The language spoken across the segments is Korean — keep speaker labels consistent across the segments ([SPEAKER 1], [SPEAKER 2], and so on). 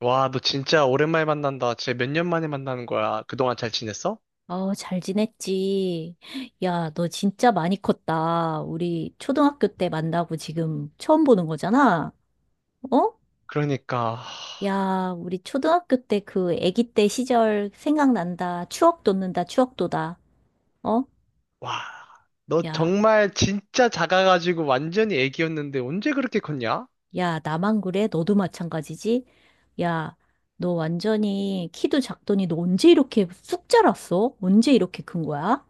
[SPEAKER 1] 와, 너 진짜 오랜만에 만난다. 진짜 몇 년 만에 만나는 거야. 그동안 잘 지냈어?
[SPEAKER 2] 어, 잘 지냈지? 야, 너 진짜 많이 컸다. 우리 초등학교 때 만나고 지금 처음 보는 거잖아? 어?
[SPEAKER 1] 그러니까, 하,
[SPEAKER 2] 야, 우리 초등학교 때 그 아기 때 시절 생각난다. 추억 돋는다. 추억 돋아. 어?
[SPEAKER 1] 와, 너
[SPEAKER 2] 야,
[SPEAKER 1] 정말 진짜 작아가지고 완전히 애기였는데 언제 그렇게 컸냐?
[SPEAKER 2] 야, 나만 그래? 너도 마찬가지지? 야, 너 완전히 키도 작더니 너 언제 이렇게 쑥 자랐어? 언제 이렇게 큰 거야?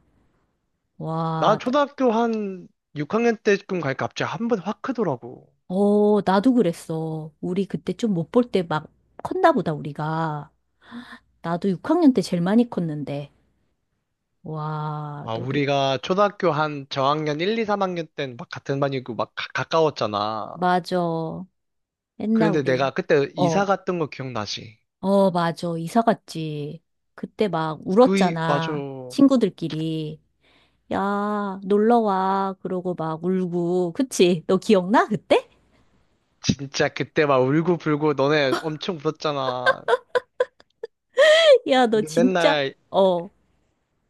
[SPEAKER 1] 나
[SPEAKER 2] 와,
[SPEAKER 1] 초등학교 한 6학년 때쯤 가니까 갑자기 한 번 확 크더라고.
[SPEAKER 2] 어, 나도 그랬어. 우리 그때 좀 못 볼 때 막 컸나 보다, 우리가. 나도 6학년 때 제일 많이 컸는데. 와,
[SPEAKER 1] 와,
[SPEAKER 2] 너도,
[SPEAKER 1] 우리가 초등학교 한 저학년 1, 2, 3학년 땐 막 같은 반이고 막 가까웠잖아.
[SPEAKER 2] 맞아. 옛날
[SPEAKER 1] 그런데 내가
[SPEAKER 2] 우리,
[SPEAKER 1] 그때 이사
[SPEAKER 2] 어,
[SPEAKER 1] 갔던 거 기억나지?
[SPEAKER 2] 어, 맞아. 이사 갔지. 그때 막
[SPEAKER 1] 맞아.
[SPEAKER 2] 울었잖아. 친구들끼리. 야, 놀러 와. 그러고 막 울고. 그치? 너 기억나? 그때?
[SPEAKER 1] 진짜 그때 막 울고불고 너네 엄청 울었잖아.
[SPEAKER 2] 야, 너
[SPEAKER 1] 우리
[SPEAKER 2] 진짜,
[SPEAKER 1] 맨날,
[SPEAKER 2] 어,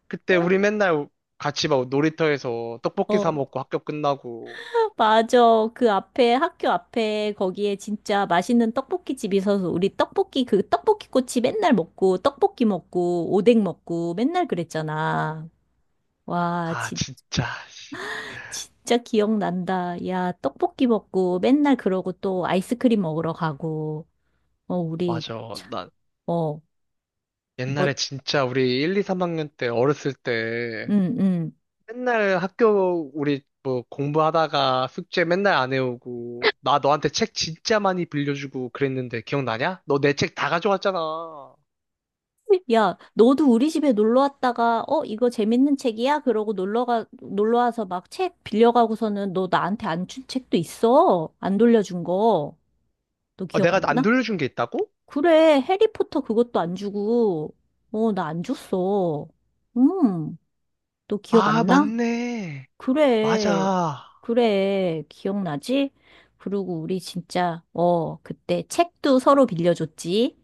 [SPEAKER 1] 그때
[SPEAKER 2] 어,
[SPEAKER 1] 우리 맨날 같이 막 놀이터에서 떡볶이 사
[SPEAKER 2] 어.
[SPEAKER 1] 먹고 학교 끝나고.
[SPEAKER 2] 맞아. 그 앞에, 학교 앞에, 거기에 진짜 맛있는 떡볶이 집이 있어서 우리 떡볶이, 그 떡볶이 꼬치 맨날 먹고, 떡볶이 먹고, 오뎅 먹고, 맨날 그랬잖아. 와,
[SPEAKER 1] 아,
[SPEAKER 2] 진
[SPEAKER 1] 진짜. 씨.
[SPEAKER 2] 진짜 기억난다. 야, 떡볶이 먹고, 맨날 그러고 또 아이스크림 먹으러 가고, 어, 우리,
[SPEAKER 1] 맞아.
[SPEAKER 2] 참,
[SPEAKER 1] 나
[SPEAKER 2] 어, 뭐,
[SPEAKER 1] 옛날에 진짜 우리 1, 2, 3학년 때 어렸을 때
[SPEAKER 2] 응, 응.
[SPEAKER 1] 맨날 학교 우리 뭐 공부하다가 숙제 맨날 안 해오고 나 너한테 책 진짜 많이 빌려주고 그랬는데 기억나냐? 너 내 책 다 가져갔잖아. 어,
[SPEAKER 2] 야, 너도 우리 집에 놀러 왔다가, 어, 이거 재밌는 책이야? 그러고 놀러가, 놀러 와서 막 책 빌려가고서는 너 나한테 안 준 책도 있어. 안 돌려준 거. 너 기억
[SPEAKER 1] 내가
[SPEAKER 2] 안
[SPEAKER 1] 안
[SPEAKER 2] 나?
[SPEAKER 1] 돌려준 게 있다고?
[SPEAKER 2] 그래, 해리포터 그것도 안 주고, 어, 나 안 줬어. 음, 너 기억
[SPEAKER 1] 아,
[SPEAKER 2] 안 나?
[SPEAKER 1] 맞네.
[SPEAKER 2] 그래,
[SPEAKER 1] 맞아.
[SPEAKER 2] 그래, 기억나지? 그리고 우리 진짜, 어, 그때 책도 서로 빌려줬지.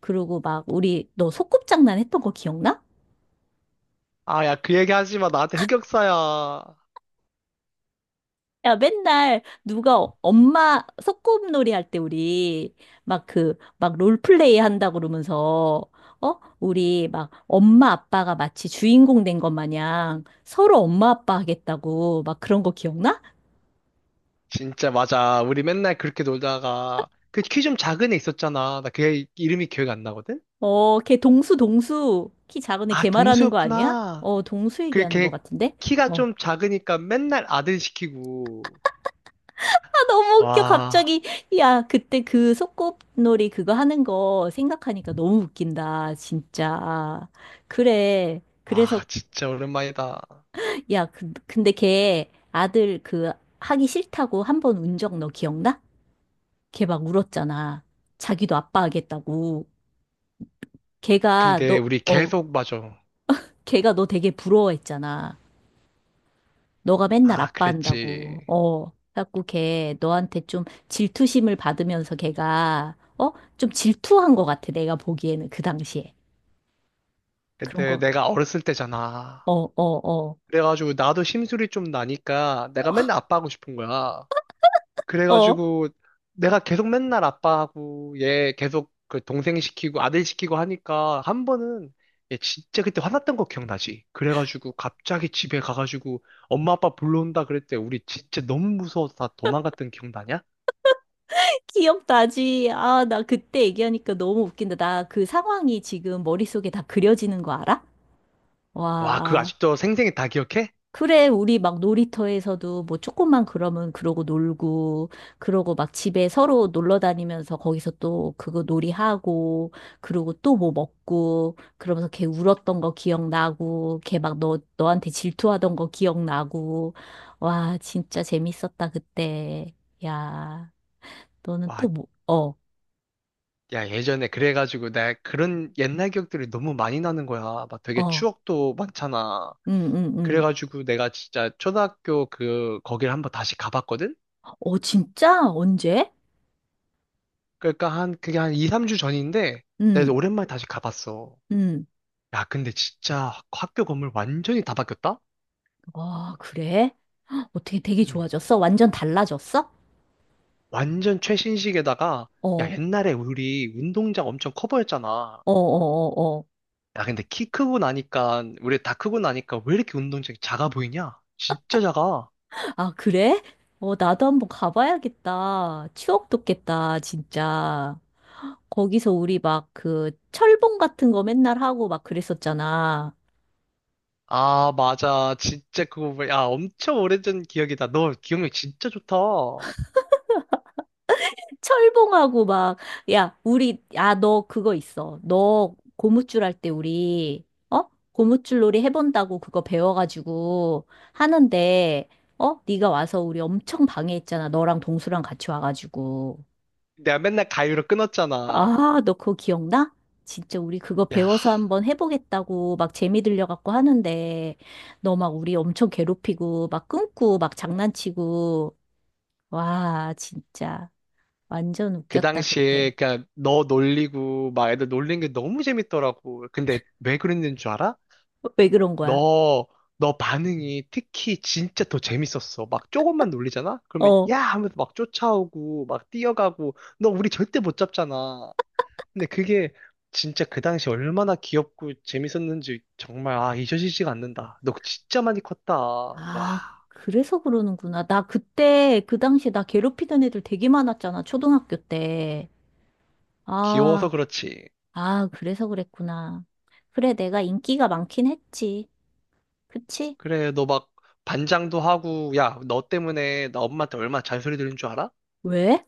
[SPEAKER 2] 그리고 막 우리, 너 소꿉장난 했던 거 기억나?
[SPEAKER 1] 아, 야, 그 얘기 하지 마. 나한테 흑역사야.
[SPEAKER 2] 야, 맨날 누가 엄마 소꿉놀이 할 때 우리 막 그, 막 롤플레이 한다 그러면서, 어? 우리 막 엄마 아빠가 마치 주인공 된 것 마냥 서로 엄마 아빠 하겠다고 막 그런 거 기억나?
[SPEAKER 1] 진짜 맞아. 우리 맨날 그렇게 놀다가 그 키 좀 작은 애 있었잖아. 나 걔 이름이 기억이 안 나거든?
[SPEAKER 2] 어, 걔 동수, 동수. 키 작은 애
[SPEAKER 1] 아,
[SPEAKER 2] 걔 말하는 거 아니야?
[SPEAKER 1] 동수였구나.
[SPEAKER 2] 어, 동수 얘기하는 것
[SPEAKER 1] 그걔
[SPEAKER 2] 같은데?
[SPEAKER 1] 키가
[SPEAKER 2] 어.
[SPEAKER 1] 좀 작으니까 맨날 아들 시키고.
[SPEAKER 2] 아, 너무 웃겨,
[SPEAKER 1] 와,
[SPEAKER 2] 갑자기. 야, 그때 그 소꿉놀이 그거 하는 거 생각하니까 너무 웃긴다, 진짜. 그래. 그래서
[SPEAKER 1] 와, 진짜 오랜만이다.
[SPEAKER 2] 야, 그, 근데 걔 아들 그 하기 싫다고 한 번 운 적 너 기억나? 걔 막 울었잖아. 자기도 아빠 하겠다고. 걔가
[SPEAKER 1] 근데
[SPEAKER 2] 너,
[SPEAKER 1] 우리
[SPEAKER 2] 어,
[SPEAKER 1] 계속 맞아.
[SPEAKER 2] 걔가 너 되게 부러워했잖아. 너가 맨날
[SPEAKER 1] 아,
[SPEAKER 2] 아빠
[SPEAKER 1] 그랬지.
[SPEAKER 2] 한다고. 어. 그래갖고 걔 너한테 좀 질투심을 받으면서 걔가, 어? 좀 질투한 것 같아. 내가 보기에는 그 당시에. 그런
[SPEAKER 1] 근데
[SPEAKER 2] 거,
[SPEAKER 1] 내가 어렸을 때잖아.
[SPEAKER 2] 어, 어, 어,
[SPEAKER 1] 그래가지고 나도 심술이 좀 나니까 내가 맨날 아빠 하고 싶은 거야.
[SPEAKER 2] 어.
[SPEAKER 1] 그래가지고 내가 계속 맨날 아빠하고 얘 계속 그 동생 시키고 아들 시키고 하니까 한 번은 얘 진짜 그때 화났던 거 기억나지? 그래가지고 갑자기 집에 가가지고 엄마 아빠 불러온다 그랬대. 우리 진짜 너무 무서워서 다 도망갔던 기억나냐?
[SPEAKER 2] 기억나지? 아, 나 그때 얘기하니까 너무 웃긴다. 나 그 상황이 지금 머릿속에 다 그려지는 거 알아?
[SPEAKER 1] 와, 그거
[SPEAKER 2] 와.
[SPEAKER 1] 아직도 생생히 다 기억해?
[SPEAKER 2] 그래, 우리 막 놀이터에서도 뭐 조금만 그러면 그러고 놀고, 그러고 막 집에 서로 놀러 다니면서 거기서 또 그거 놀이하고, 그러고 또 뭐 먹고, 그러면서 걔 울었던 거 기억나고, 걔 막 너, 너한테 질투하던 거 기억나고. 와, 진짜 재밌었다, 그때. 야, 너는
[SPEAKER 1] 와,
[SPEAKER 2] 또 뭐, 어,
[SPEAKER 1] 야, 예전에 그래가지고 나 그런 옛날 기억들이 너무 많이 나는 거야. 막 되게
[SPEAKER 2] 어.
[SPEAKER 1] 추억도 많잖아.
[SPEAKER 2] 응, 응, 응.
[SPEAKER 1] 그래가지고 내가 진짜 초등학교 그 거기를 한번 다시 가봤거든?
[SPEAKER 2] 어, 진짜? 언제?
[SPEAKER 1] 그러니까 한, 그게 한 2, 3주 전인데, 내가
[SPEAKER 2] 응,
[SPEAKER 1] 오랜만에 다시 가봤어.
[SPEAKER 2] 응.
[SPEAKER 1] 야, 근데 진짜 학교 건물 완전히 다 바뀌었다?
[SPEAKER 2] 아, 그래? 어떻게 되게
[SPEAKER 1] 음.
[SPEAKER 2] 좋아졌어? 완전 달라졌어?
[SPEAKER 1] 완전 최신식에다가,
[SPEAKER 2] 어,
[SPEAKER 1] 야,
[SPEAKER 2] 어,
[SPEAKER 1] 옛날에 우리 운동장 엄청 커 보였잖아.
[SPEAKER 2] 어, 어, 어.
[SPEAKER 1] 야, 근데 키 크고 나니까, 우리 다 크고 나니까 왜 이렇게 운동장이 작아 보이냐? 진짜 작아.
[SPEAKER 2] 아, 그래? 어, 나도 한번 가봐야겠다. 추억 돋겠다, 진짜. 거기서 우리 막 그 철봉 같은 거 맨날 하고 막 그랬었잖아.
[SPEAKER 1] 아, 맞아. 진짜 그거, 뭐야. 야, 엄청 오래전 기억이다. 너 기억력 진짜 좋다.
[SPEAKER 2] 철봉하고 막, 야, 우리, 야, 너 그거 있어. 너 고무줄 할 때 우리, 어? 고무줄 놀이 해본다고 그거 배워가지고 하는데, 어? 네가 와서 우리 엄청 방해했잖아. 너랑 동수랑 같이 와가지고.
[SPEAKER 1] 내가 맨날 가위로 끊었잖아.
[SPEAKER 2] 아, 너 그거 기억나? 진짜 우리 그거
[SPEAKER 1] 야,
[SPEAKER 2] 배워서 한번 해보겠다고 막 재미 들려갖고 하는데, 너 막 우리 엄청 괴롭히고, 막 끊고, 막 장난치고. 와, 진짜. 완전
[SPEAKER 1] 그
[SPEAKER 2] 웃겼다,
[SPEAKER 1] 당시에
[SPEAKER 2] 그때.
[SPEAKER 1] 그냥 너 놀리고 막 애들 놀린 게 너무 재밌더라고. 근데 왜 그랬는 줄 알아?
[SPEAKER 2] 왜 그런 거야?
[SPEAKER 1] 너, 너 반응이 특히 진짜 더 재밌었어. 막 조금만 놀리잖아? 그러면
[SPEAKER 2] 어.
[SPEAKER 1] 야 하면서 막 쫓아오고 막 뛰어가고 너 우리 절대 못 잡잖아. 근데 그게 진짜 그 당시 얼마나 귀엽고 재밌었는지 정말 아 잊혀지지가 않는다. 너 진짜 많이 컸다. 와
[SPEAKER 2] 아, 그래서 그러는구나. 나 그때, 그 당시에 나 괴롭히던 애들 되게 많았잖아, 초등학교 때.
[SPEAKER 1] 귀여워서
[SPEAKER 2] 아,
[SPEAKER 1] 그렇지.
[SPEAKER 2] 아, 그래서 그랬구나. 그래, 내가 인기가 많긴 했지. 그치?
[SPEAKER 1] 그래 너 막 반장도 하고 야 너 때문에 나 엄마한테 얼마나 잔소리 들은 줄 알아?
[SPEAKER 2] 왜?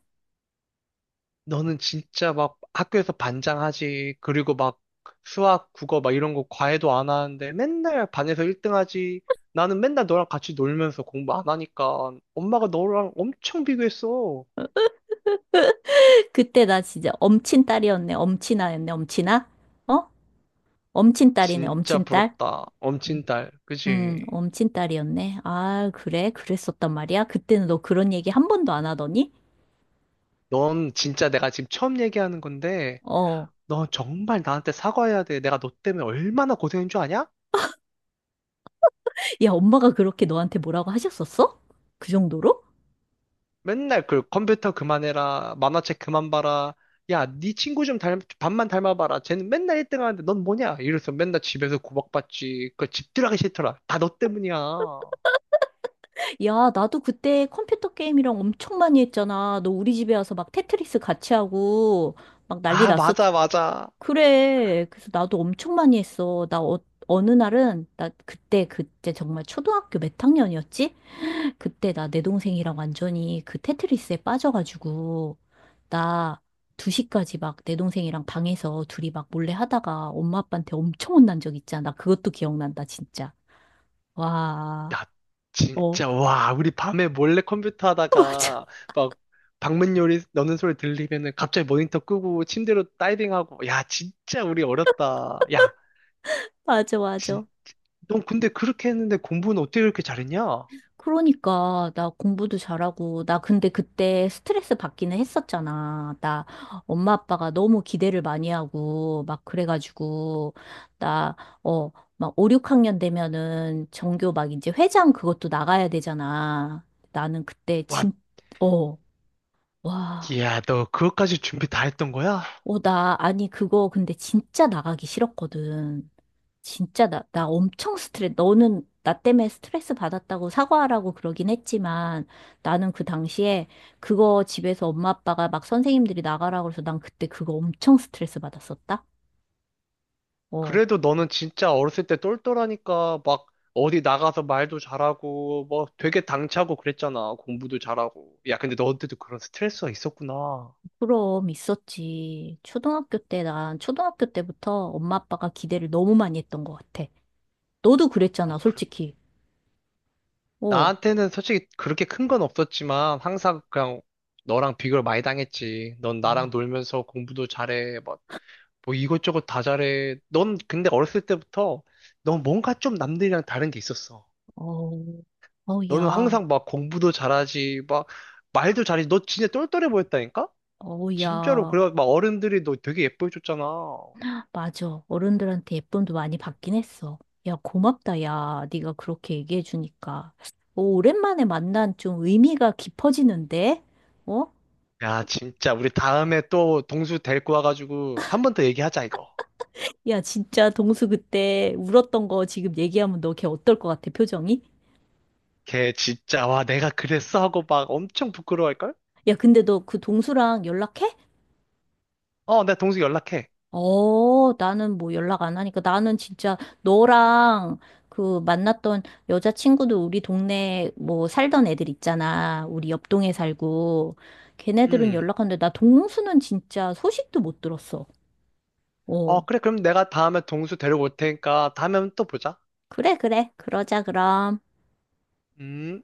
[SPEAKER 1] 너는 진짜 막 학교에서 반장하지, 그리고 막 수학, 국어 막 이런 거 과외도 안 하는데 맨날 반에서 1등 하지. 나는 맨날 너랑 같이 놀면서 공부 안 하니까 엄마가 너랑 엄청 비교했어.
[SPEAKER 2] 그때 나 진짜 엄친 딸이었네, 엄친아였네, 엄친아? 어? 엄친 딸이네,
[SPEAKER 1] 진짜
[SPEAKER 2] 엄친 딸?
[SPEAKER 1] 부럽다.
[SPEAKER 2] 음,
[SPEAKER 1] 엄친딸. 그지?
[SPEAKER 2] 엄친 딸이었네. 아, 그래? 그랬었단 말이야? 그때는 너 그런 얘기 한 번도 안 하더니?
[SPEAKER 1] 넌 진짜 내가 지금 처음 얘기하는 건데,
[SPEAKER 2] 어.
[SPEAKER 1] 너 정말 나한테 사과해야 돼. 내가 너 때문에 얼마나 고생인 줄 아냐?
[SPEAKER 2] 야, 엄마가 그렇게 너한테 뭐라고 하셨었어? 그 정도로?
[SPEAKER 1] 맨날 그 컴퓨터 그만해라, 만화책 그만 봐라, 야, 네 친구 좀 닮, 반만 닮아봐라. 쟤는 맨날 1등 하는데 넌 뭐냐? 이래서 맨날 집에서 구박받지. 그 집 들어가기 싫더라. 다 너 때문이야.
[SPEAKER 2] 야, 나도 그때 컴퓨터 게임이랑 엄청 많이 했잖아. 너 우리 집에 와서 막 테트리스 같이 하고 막 난리
[SPEAKER 1] 아,
[SPEAKER 2] 났었죠.
[SPEAKER 1] 맞아, 맞아.
[SPEAKER 2] 그래. 그래서 나도 엄청 많이 했어. 나 어, 어느 날은 나 그때 정말 초등학교 몇 학년이었지? 그때 나 내 동생이랑 완전히 그 테트리스에 빠져가지고 나 2시까지 막 내 동생이랑 방에서 둘이 막 몰래 하다가 엄마 아빠한테 엄청 혼난 적 있잖아. 나 그것도 기억난다, 진짜. 와,
[SPEAKER 1] 야,
[SPEAKER 2] 어,
[SPEAKER 1] 진짜, 와, 우리 밤에 몰래 컴퓨터
[SPEAKER 2] 맞아,
[SPEAKER 1] 하다가 막 방문 요리 넣는 소리 들리면은 갑자기 모니터 끄고 침대로 다이빙하고. 야, 진짜 우리 어렸다. 야,
[SPEAKER 2] 맞아,
[SPEAKER 1] 진,
[SPEAKER 2] 맞아.
[SPEAKER 1] 넌 근데 그렇게 했는데 공부는 어떻게 그렇게 잘했냐?
[SPEAKER 2] 그러니까 나 공부도 잘하고 나 근데 그때 스트레스 받기는 했었잖아. 나 엄마 아빠가 너무 기대를 많이 하고 막 그래가지고 나 어 막 5, 6학년 되면은 전교 막 이제 회장 그것도 나가야 되잖아. 나는 그때
[SPEAKER 1] 와,
[SPEAKER 2] 진 어, 와,
[SPEAKER 1] 야 너 그것까지 준비 다 했던 거야?
[SPEAKER 2] 어, 나 아니 그거 근데 진짜 나가기 싫었거든. 진짜 나 엄청 스트레스, 너는 나 때문에 스트레스 받았다고 사과하라고 그러긴 했지만 나는 그 당시에 그거 집에서 엄마 아빠가 막 선생님들이 나가라 고 해서 난 그때 그거 엄청 스트레스 받았었다? 어,
[SPEAKER 1] 그래도 너는 진짜 어렸을 때 똘똘하니까 막 어디 나가서 말도 잘하고 뭐 되게 당차고 그랬잖아. 공부도 잘하고. 야, 근데 너한테도 그런 스트레스가 있었구나.
[SPEAKER 2] 그럼 있었지. 초등학교 때, 난 초등학교 때부터 엄마 아빠가 기대를 너무 많이 했던 것 같아. 너도
[SPEAKER 1] 아,
[SPEAKER 2] 그랬잖아,
[SPEAKER 1] 그래.
[SPEAKER 2] 솔직히. 어,
[SPEAKER 1] 나한테는 솔직히 그렇게 큰 건 없었지만 항상 그냥 너랑 비교를 많이 당했지. 넌 나랑
[SPEAKER 2] 아,
[SPEAKER 1] 놀면서 공부도 잘해. 뭐 이것저것 다 잘해. 넌 근데 어렸을 때부터 넌 뭔가 좀 남들이랑 다른 게 있었어.
[SPEAKER 2] 어, 어,
[SPEAKER 1] 너는
[SPEAKER 2] 야,
[SPEAKER 1] 항상 막 공부도 잘하지, 막 말도 잘하지. 너 진짜 똘똘해 보였다니까?
[SPEAKER 2] 어,
[SPEAKER 1] 진짜로.
[SPEAKER 2] 야.
[SPEAKER 1] 그래, 막 어른들이 너 되게 예뻐해줬잖아.
[SPEAKER 2] 맞아. 어른들한테 예쁨도 많이 받긴 했어. 야, 고맙다, 야. 네가 그렇게 얘기해 주니까. 오, 오랜만에 만난 좀 의미가 깊어지는데? 어?
[SPEAKER 1] 야, 진짜. 우리 다음에 또 동수 데리고 와가지고 한 번 더 얘기하자, 이거.
[SPEAKER 2] 야, 진짜 동수 그때 울었던 거 지금 얘기하면 너 걔 어떨 것 같아, 표정이?
[SPEAKER 1] 걔 진짜, 와, 내가 그랬어 하고 막 엄청 부끄러워할걸?
[SPEAKER 2] 야, 근데 너 그 동수랑 연락해?
[SPEAKER 1] 어, 내가 동수 연락해.
[SPEAKER 2] 어, 나는 뭐 연락 안 하니까 나는 진짜 너랑 그 만났던 여자친구도 우리 동네 뭐 살던 애들 있잖아. 우리 옆 동에 살고. 걔네들은
[SPEAKER 1] 음.
[SPEAKER 2] 연락하는데 나 동수는 진짜 소식도 못 들었어. 어.
[SPEAKER 1] 어, 그래. 그럼 내가 다음에 동수 데리고 올 테니까 다음에 또 보자.
[SPEAKER 2] 그래, 그래. 그러자, 그럼.
[SPEAKER 1] 음.